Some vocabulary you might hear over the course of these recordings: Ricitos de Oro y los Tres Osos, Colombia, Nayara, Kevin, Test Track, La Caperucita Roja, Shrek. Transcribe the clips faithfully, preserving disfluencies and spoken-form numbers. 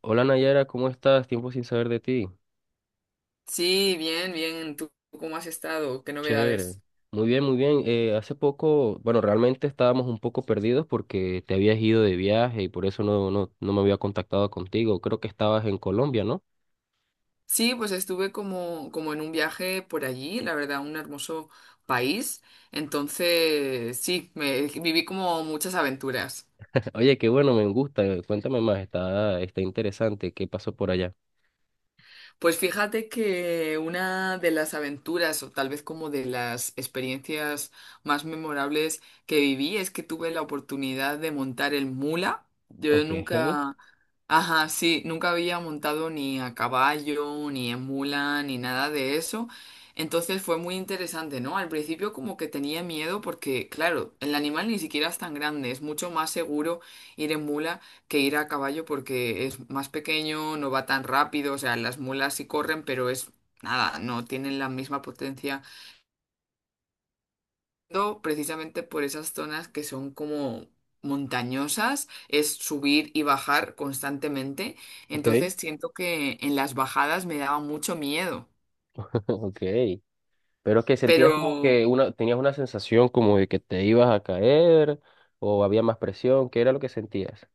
Hola Nayara, ¿cómo estás? Tiempo sin saber de ti. Sí, bien, bien. ¿Tú cómo has estado? ¿Qué Chévere. novedades? Muy bien, muy bien. Eh, hace poco, bueno, realmente estábamos un poco perdidos porque te habías ido de viaje y por eso no, no, no me había contactado contigo. Creo que estabas en Colombia, ¿no? Sí, pues estuve como, como en un viaje por allí, la verdad, un hermoso país. Entonces, sí, me viví como muchas aventuras. Oye, qué bueno, me gusta. eh, Cuéntame más, está, está interesante. ¿Qué pasó por allá? Pues fíjate que una de las aventuras o tal vez como de las experiencias más memorables que viví es que tuve la oportunidad de montar el mula. Yo Ok. nunca, ajá, sí, nunca había montado ni a caballo, ni en mula, ni nada de eso. Entonces fue muy interesante, ¿no? Al principio como que tenía miedo porque, claro, el animal ni siquiera es tan grande, es mucho más seguro ir en mula que ir a caballo porque es más pequeño, no va tan rápido, o sea, las mulas sí corren, pero es nada, no tienen la misma potencia. No, precisamente por esas zonas que son como montañosas, es subir y bajar constantemente, Ok. entonces siento que en las bajadas me daba mucho miedo, Ok. Pero que sentías como pero... que una, tenías una sensación como de que te ibas a caer o había más presión. ¿Qué era lo que sentías?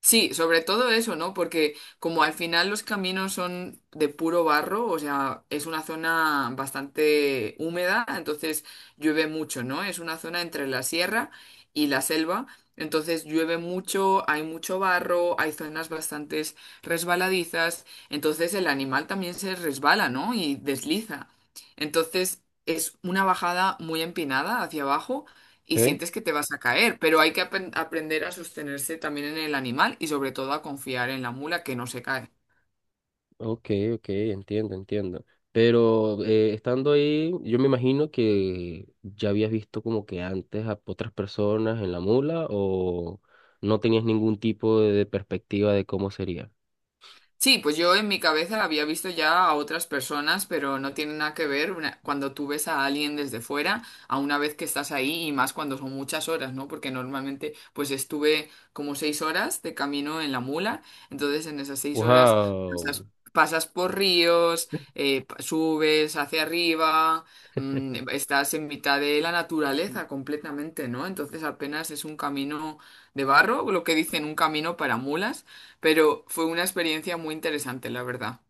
Sí, sobre todo eso, ¿no? Porque como al final los caminos son de puro barro, o sea, es una zona bastante húmeda, entonces llueve mucho, ¿no? Es una zona entre la sierra y la selva, entonces llueve mucho, hay mucho barro, hay zonas bastante resbaladizas, entonces el animal también se resbala, ¿no? Y desliza. Entonces es una bajada muy empinada hacia abajo y Ok. sientes que te vas a caer, pero hay que apen- aprender a sostenerse también en el animal y sobre todo a confiar en la mula que no se cae. Ok, ok, entiendo, entiendo. Pero eh, estando ahí, yo me imagino que ya habías visto como que antes a otras personas en la mula o no tenías ningún tipo de perspectiva de cómo sería. Sí, pues yo en mi cabeza había visto ya a otras personas, pero no tiene nada que ver una- cuando tú ves a alguien desde fuera, a una vez que estás ahí y más cuando son muchas horas, ¿no? Porque normalmente pues estuve como seis horas de camino en la mula, entonces en esas seis horas Wow. pasas, pasas por ríos, eh, pa- subes hacia arriba, mm, estás en mitad de la naturaleza completamente, ¿no? Entonces apenas es un camino de barro, lo que dicen un camino para mulas pero fue una experiencia muy interesante, la verdad.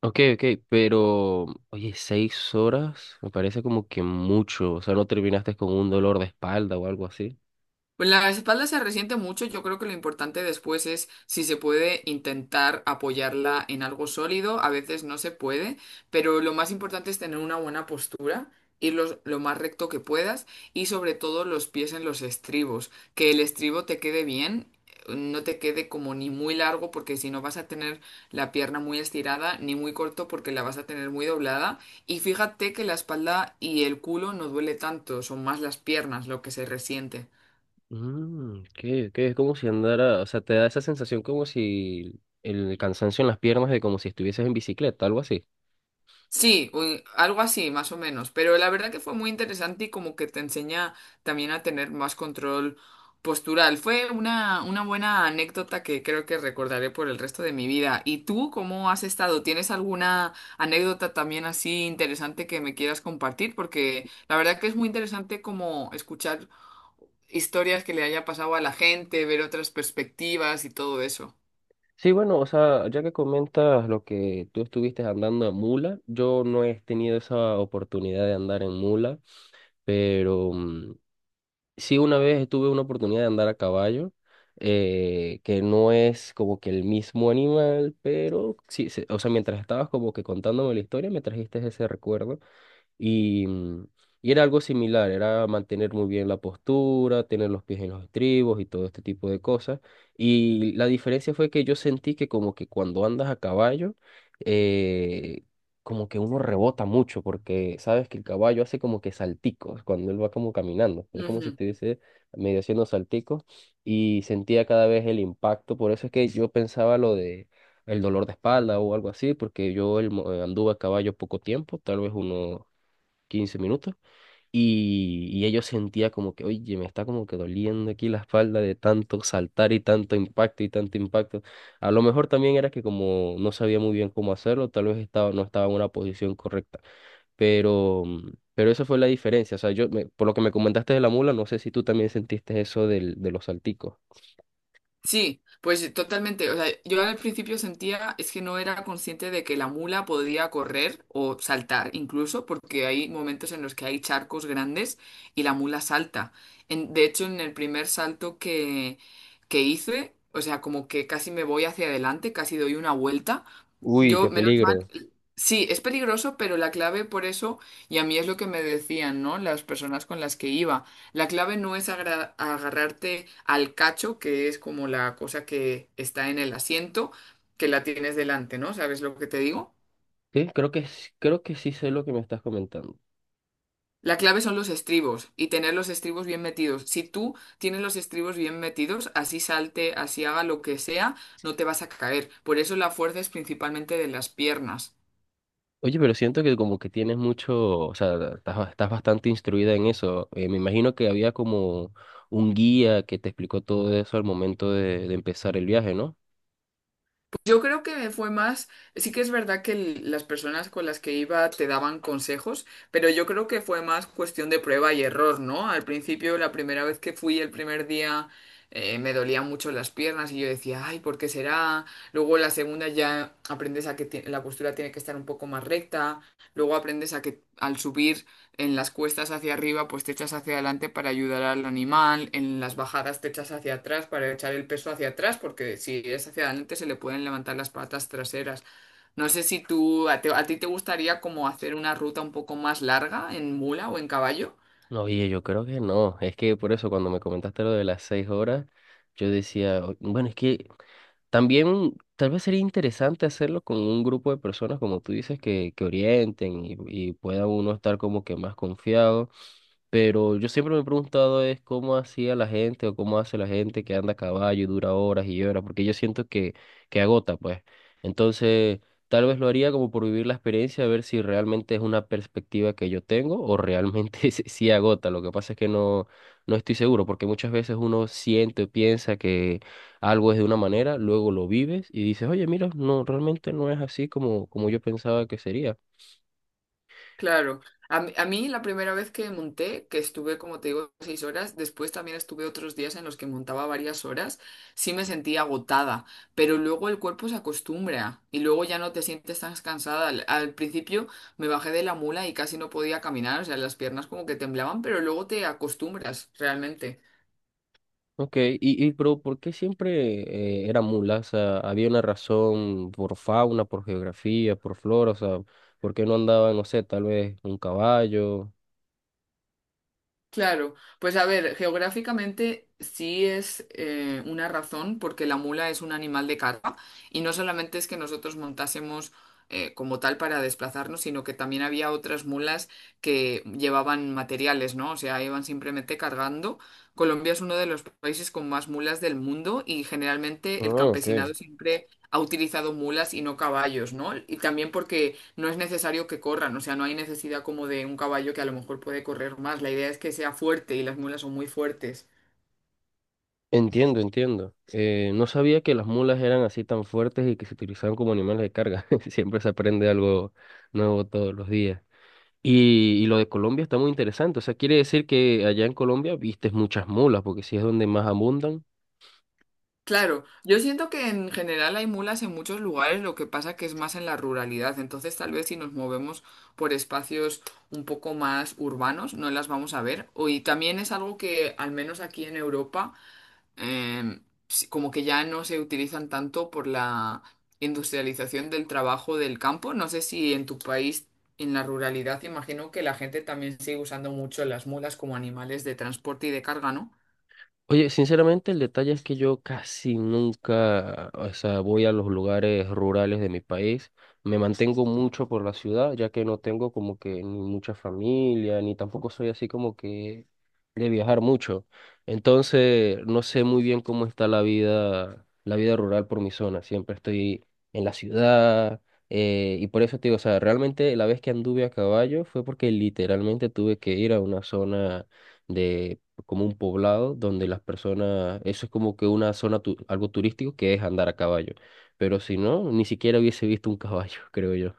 Ok, ok, pero oye, seis horas me parece como que mucho. O sea, no terminaste con un dolor de espalda o algo así. Pues la espalda se resiente mucho, yo creo que lo importante después es si se puede intentar apoyarla en algo sólido, a veces no se puede, pero lo más importante es tener una buena postura, ir los- lo más recto que puedas y sobre todo los pies en los estribos, que el estribo te quede bien, no te quede como ni muy largo porque si no vas a tener la pierna muy estirada, ni muy corto porque la vas a tener muy doblada y fíjate que la espalda y el culo no duele tanto, son más las piernas lo que se resiente. Mm, que que es como si andara, o sea, te da esa sensación como si el cansancio en las piernas de como si estuvieses en bicicleta, algo así. Sí, u- algo así, más o menos. Pero la verdad que fue muy interesante y como que te enseña también a tener más control postural. Fue una, una buena anécdota que creo que recordaré por el resto de mi vida. ¿Y tú cómo has estado? ¿Tienes alguna anécdota también así interesante que me quieras compartir? Porque la verdad que es muy interesante como escuchar historias que le haya pasado a la gente, ver otras perspectivas y todo eso. Sí, bueno, o sea, ya que comentas lo que tú estuviste andando en mula, yo no he tenido esa oportunidad de andar en mula, pero mm, sí, una vez tuve una oportunidad de andar a caballo, eh, que no es como que el mismo animal, pero sí, se- o sea, mientras estabas como que contándome la historia, me trajiste ese recuerdo. Y, mm, y era algo similar, era mantener muy bien la postura, tener los pies en los estribos y todo este tipo de cosas. Y la diferencia fue que yo sentí que como que cuando andas a caballo, eh, como que uno rebota mucho, porque sabes que el caballo hace como que salticos cuando él va como caminando. Es como si estuviese medio haciendo salticos y sentía cada vez el impacto. Por eso es que yo pensaba lo de el dolor de espalda o algo así, porque yo el mo- eh, anduve a caballo poco tiempo, tal vez unos quince minutos, y, y ella sentía como que, oye, me está como que doliendo aquí la espalda de tanto saltar y tanto impacto y tanto impacto. A lo mejor también era que como no sabía muy bien cómo hacerlo, tal vez estaba, no estaba en una posición correcta, pero, mm, pero esa fue la diferencia. O sea, yo, me- por lo que me comentaste de la mula, no sé si tú también sentiste eso del, de los salticos. Sí, pues totalmente. O sea, yo al principio sentía es que no era consciente de que la mula podía correr o saltar incluso, porque hay momentos en los que hay charcos grandes y la mula salta. En- de hecho, en el primer salto que, que hice, o sea, como que casi me voy hacia adelante, casi doy una vuelta. Uy, Yo, qué menos mal. peligro. Sí, es peligroso, pero la clave por eso, y a mí es lo que me decían, ¿no? Las personas con las que iba, la clave no es agra- agarrarte al cacho, que es como la cosa que está en el asiento, que la tienes delante, ¿no? ¿Sabes lo que te digo? Sí, creo que, s- creo que sí sé lo que me estás comentando. La clave son los estribos y tener los estribos bien metidos. Si tú tienes los estribos bien metidos, así salte, así haga lo que sea, no te vas a caer. Por eso la fuerza es principalmente de las piernas. Oye, pero siento que como que tienes mucho, o sea, estás, ba- estás bastante instruida en eso. Eh, me imagino que había como un guía que te explicó todo eso al momento de, de empezar el viaje, ¿no? Yo creo que me fue más, sí que es verdad que el- las personas con las que iba te daban consejos, pero yo creo que fue más cuestión de prueba y error, ¿no? Al principio, la primera vez que fui el primer día, eh, me dolían mucho las piernas y yo decía, ay, ¿por qué será? Luego la segunda ya aprendes a que ti- la postura tiene que estar un poco más recta, luego aprendes a que al subir en las cuestas hacia arriba, pues te echas hacia adelante para ayudar al animal. En las bajadas te echas hacia atrás para echar el peso hacia atrás, porque si es hacia adelante se le pueden levantar las patas traseras. No sé si tú, a, te- a ti te gustaría como hacer una ruta un poco más larga en mula o en caballo. No, oye, yo creo que no. Es que por eso cuando me comentaste lo de las seis horas, yo decía: "O- Bueno, es que también tal vez sería interesante hacerlo con un grupo de personas, como tú dices, que, que orienten y, y pueda uno estar como que más confiado. Pero yo siempre me he preguntado es cómo hacía la gente o cómo hace la gente que anda a caballo y dura horas y horas, porque yo siento que, que agota, pues. Entonces, tal vez lo haría como por vivir la experiencia, a ver si realmente es una perspectiva que yo tengo o realmente sí sí agota. Lo que pasa es que no, no estoy seguro, porque muchas veces uno siente o piensa que algo es de una manera, luego lo vives y dices, oye, mira, no, realmente no es así como, como yo pensaba que sería. Claro, a, mí a mí la primera vez que monté, que estuve, como te digo, seis horas, después también estuve otros días en los que montaba varias horas, sí me sentía agotada, pero luego el cuerpo se acostumbra y luego ya no te sientes tan cansada. Al, al principio me bajé de la mula y casi no podía caminar, o sea, las piernas como que temblaban, pero luego te acostumbras realmente. Ok, y, y pero ¿por qué siempre eh, era mula? O sea, ¿había una razón por fauna, por geografía, por flora? O sea, ¿por qué no andaba, no sé, tal vez un caballo? Claro, pues a ver, geográficamente sí es eh, una razón porque la mula es un animal de carga y no solamente es que nosotros montásemos eh, como tal para desplazarnos, sino que también había otras mulas que llevaban materiales, ¿no? O sea, iban simplemente cargando. Colombia es uno de los países con más mulas del mundo y Ah, generalmente el ok. campesinado siempre ha utilizado mulas y no caballos, ¿no? Y también porque no es necesario que corran, o sea, no hay necesidad como de un caballo que a lo mejor puede correr más. La idea es que sea fuerte y las mulas son muy fuertes. Entiendo, entiendo. Eh, no sabía que las mulas eran así tan fuertes y que se utilizaban como animales de carga. Siempre se aprende algo nuevo todos los días. Y, y lo de Colombia está muy interesante. O sea, quiere decir que allá en Colombia vistes muchas mulas, porque sí es donde más abundan. Claro, yo siento que en general hay mulas en muchos lugares, lo que pasa que es más en la ruralidad. Entonces, tal vez si nos movemos por espacios un poco más urbanos, no las vamos a ver. O- Y también es algo que, al menos aquí en Europa, eh, sí, como que ya no se utilizan tanto por la industrialización del trabajo del campo. No sé si en tu país, en la ruralidad, imagino que la gente también sigue usando mucho las mulas como animales de transporte y de carga, ¿no? Oye, sinceramente el detalle es que yo casi nunca, o sea, voy a los lugares rurales de mi país. Me mantengo mucho por la ciudad, ya que no tengo como que ni mucha familia, ni tampoco soy así como que de viajar mucho. Entonces, no sé muy bien cómo está la vida, la vida rural por mi zona. Siempre estoy en la ciudad, eh, y por eso te digo, o sea, realmente la vez que anduve a caballo fue porque literalmente tuve que ir a una zona de como un poblado donde las personas, eso es como que una zona, tu- algo turístico que es andar a caballo. Pero si no, ni siquiera hubiese visto un caballo, creo yo.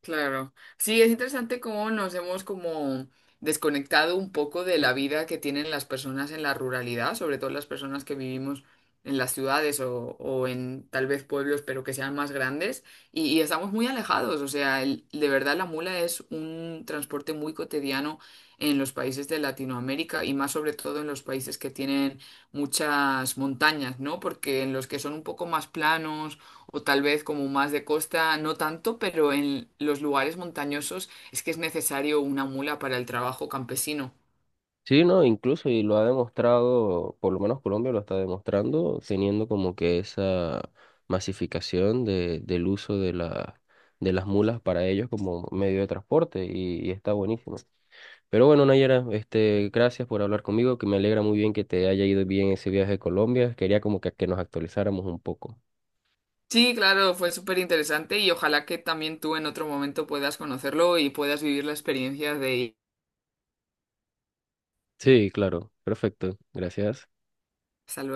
Claro, sí, es interesante cómo nos hemos como desconectado un poco de la vida que tienen las personas en la ruralidad, sobre todo las personas que vivimos en las ciudades o, o en tal vez pueblos, pero que sean más grandes, y, y estamos muy alejados, o sea, el- de verdad la mula es un transporte muy cotidiano en los países de Latinoamérica y más sobre todo en los países que tienen muchas montañas, ¿no? Porque en los que son un poco más planos o tal vez como más de costa, no tanto, pero en los lugares montañosos es que es necesario una mula para el trabajo campesino. Sí, no, incluso, y lo ha demostrado, por lo menos Colombia lo está demostrando, teniendo como que esa masificación de, del uso de la, de las mulas para ellos como medio de transporte, y, y está buenísimo. Pero bueno, Nayara, este, gracias por hablar conmigo, que me alegra muy bien que te haya ido bien ese viaje a Colombia. Quería como que, que nos actualizáramos un poco. Sí, claro, fue súper interesante y ojalá que también tú en otro momento puedas conocerlo y puedas vivir la experiencia de ir. Sí, claro, perfecto, gracias. Hasta luego.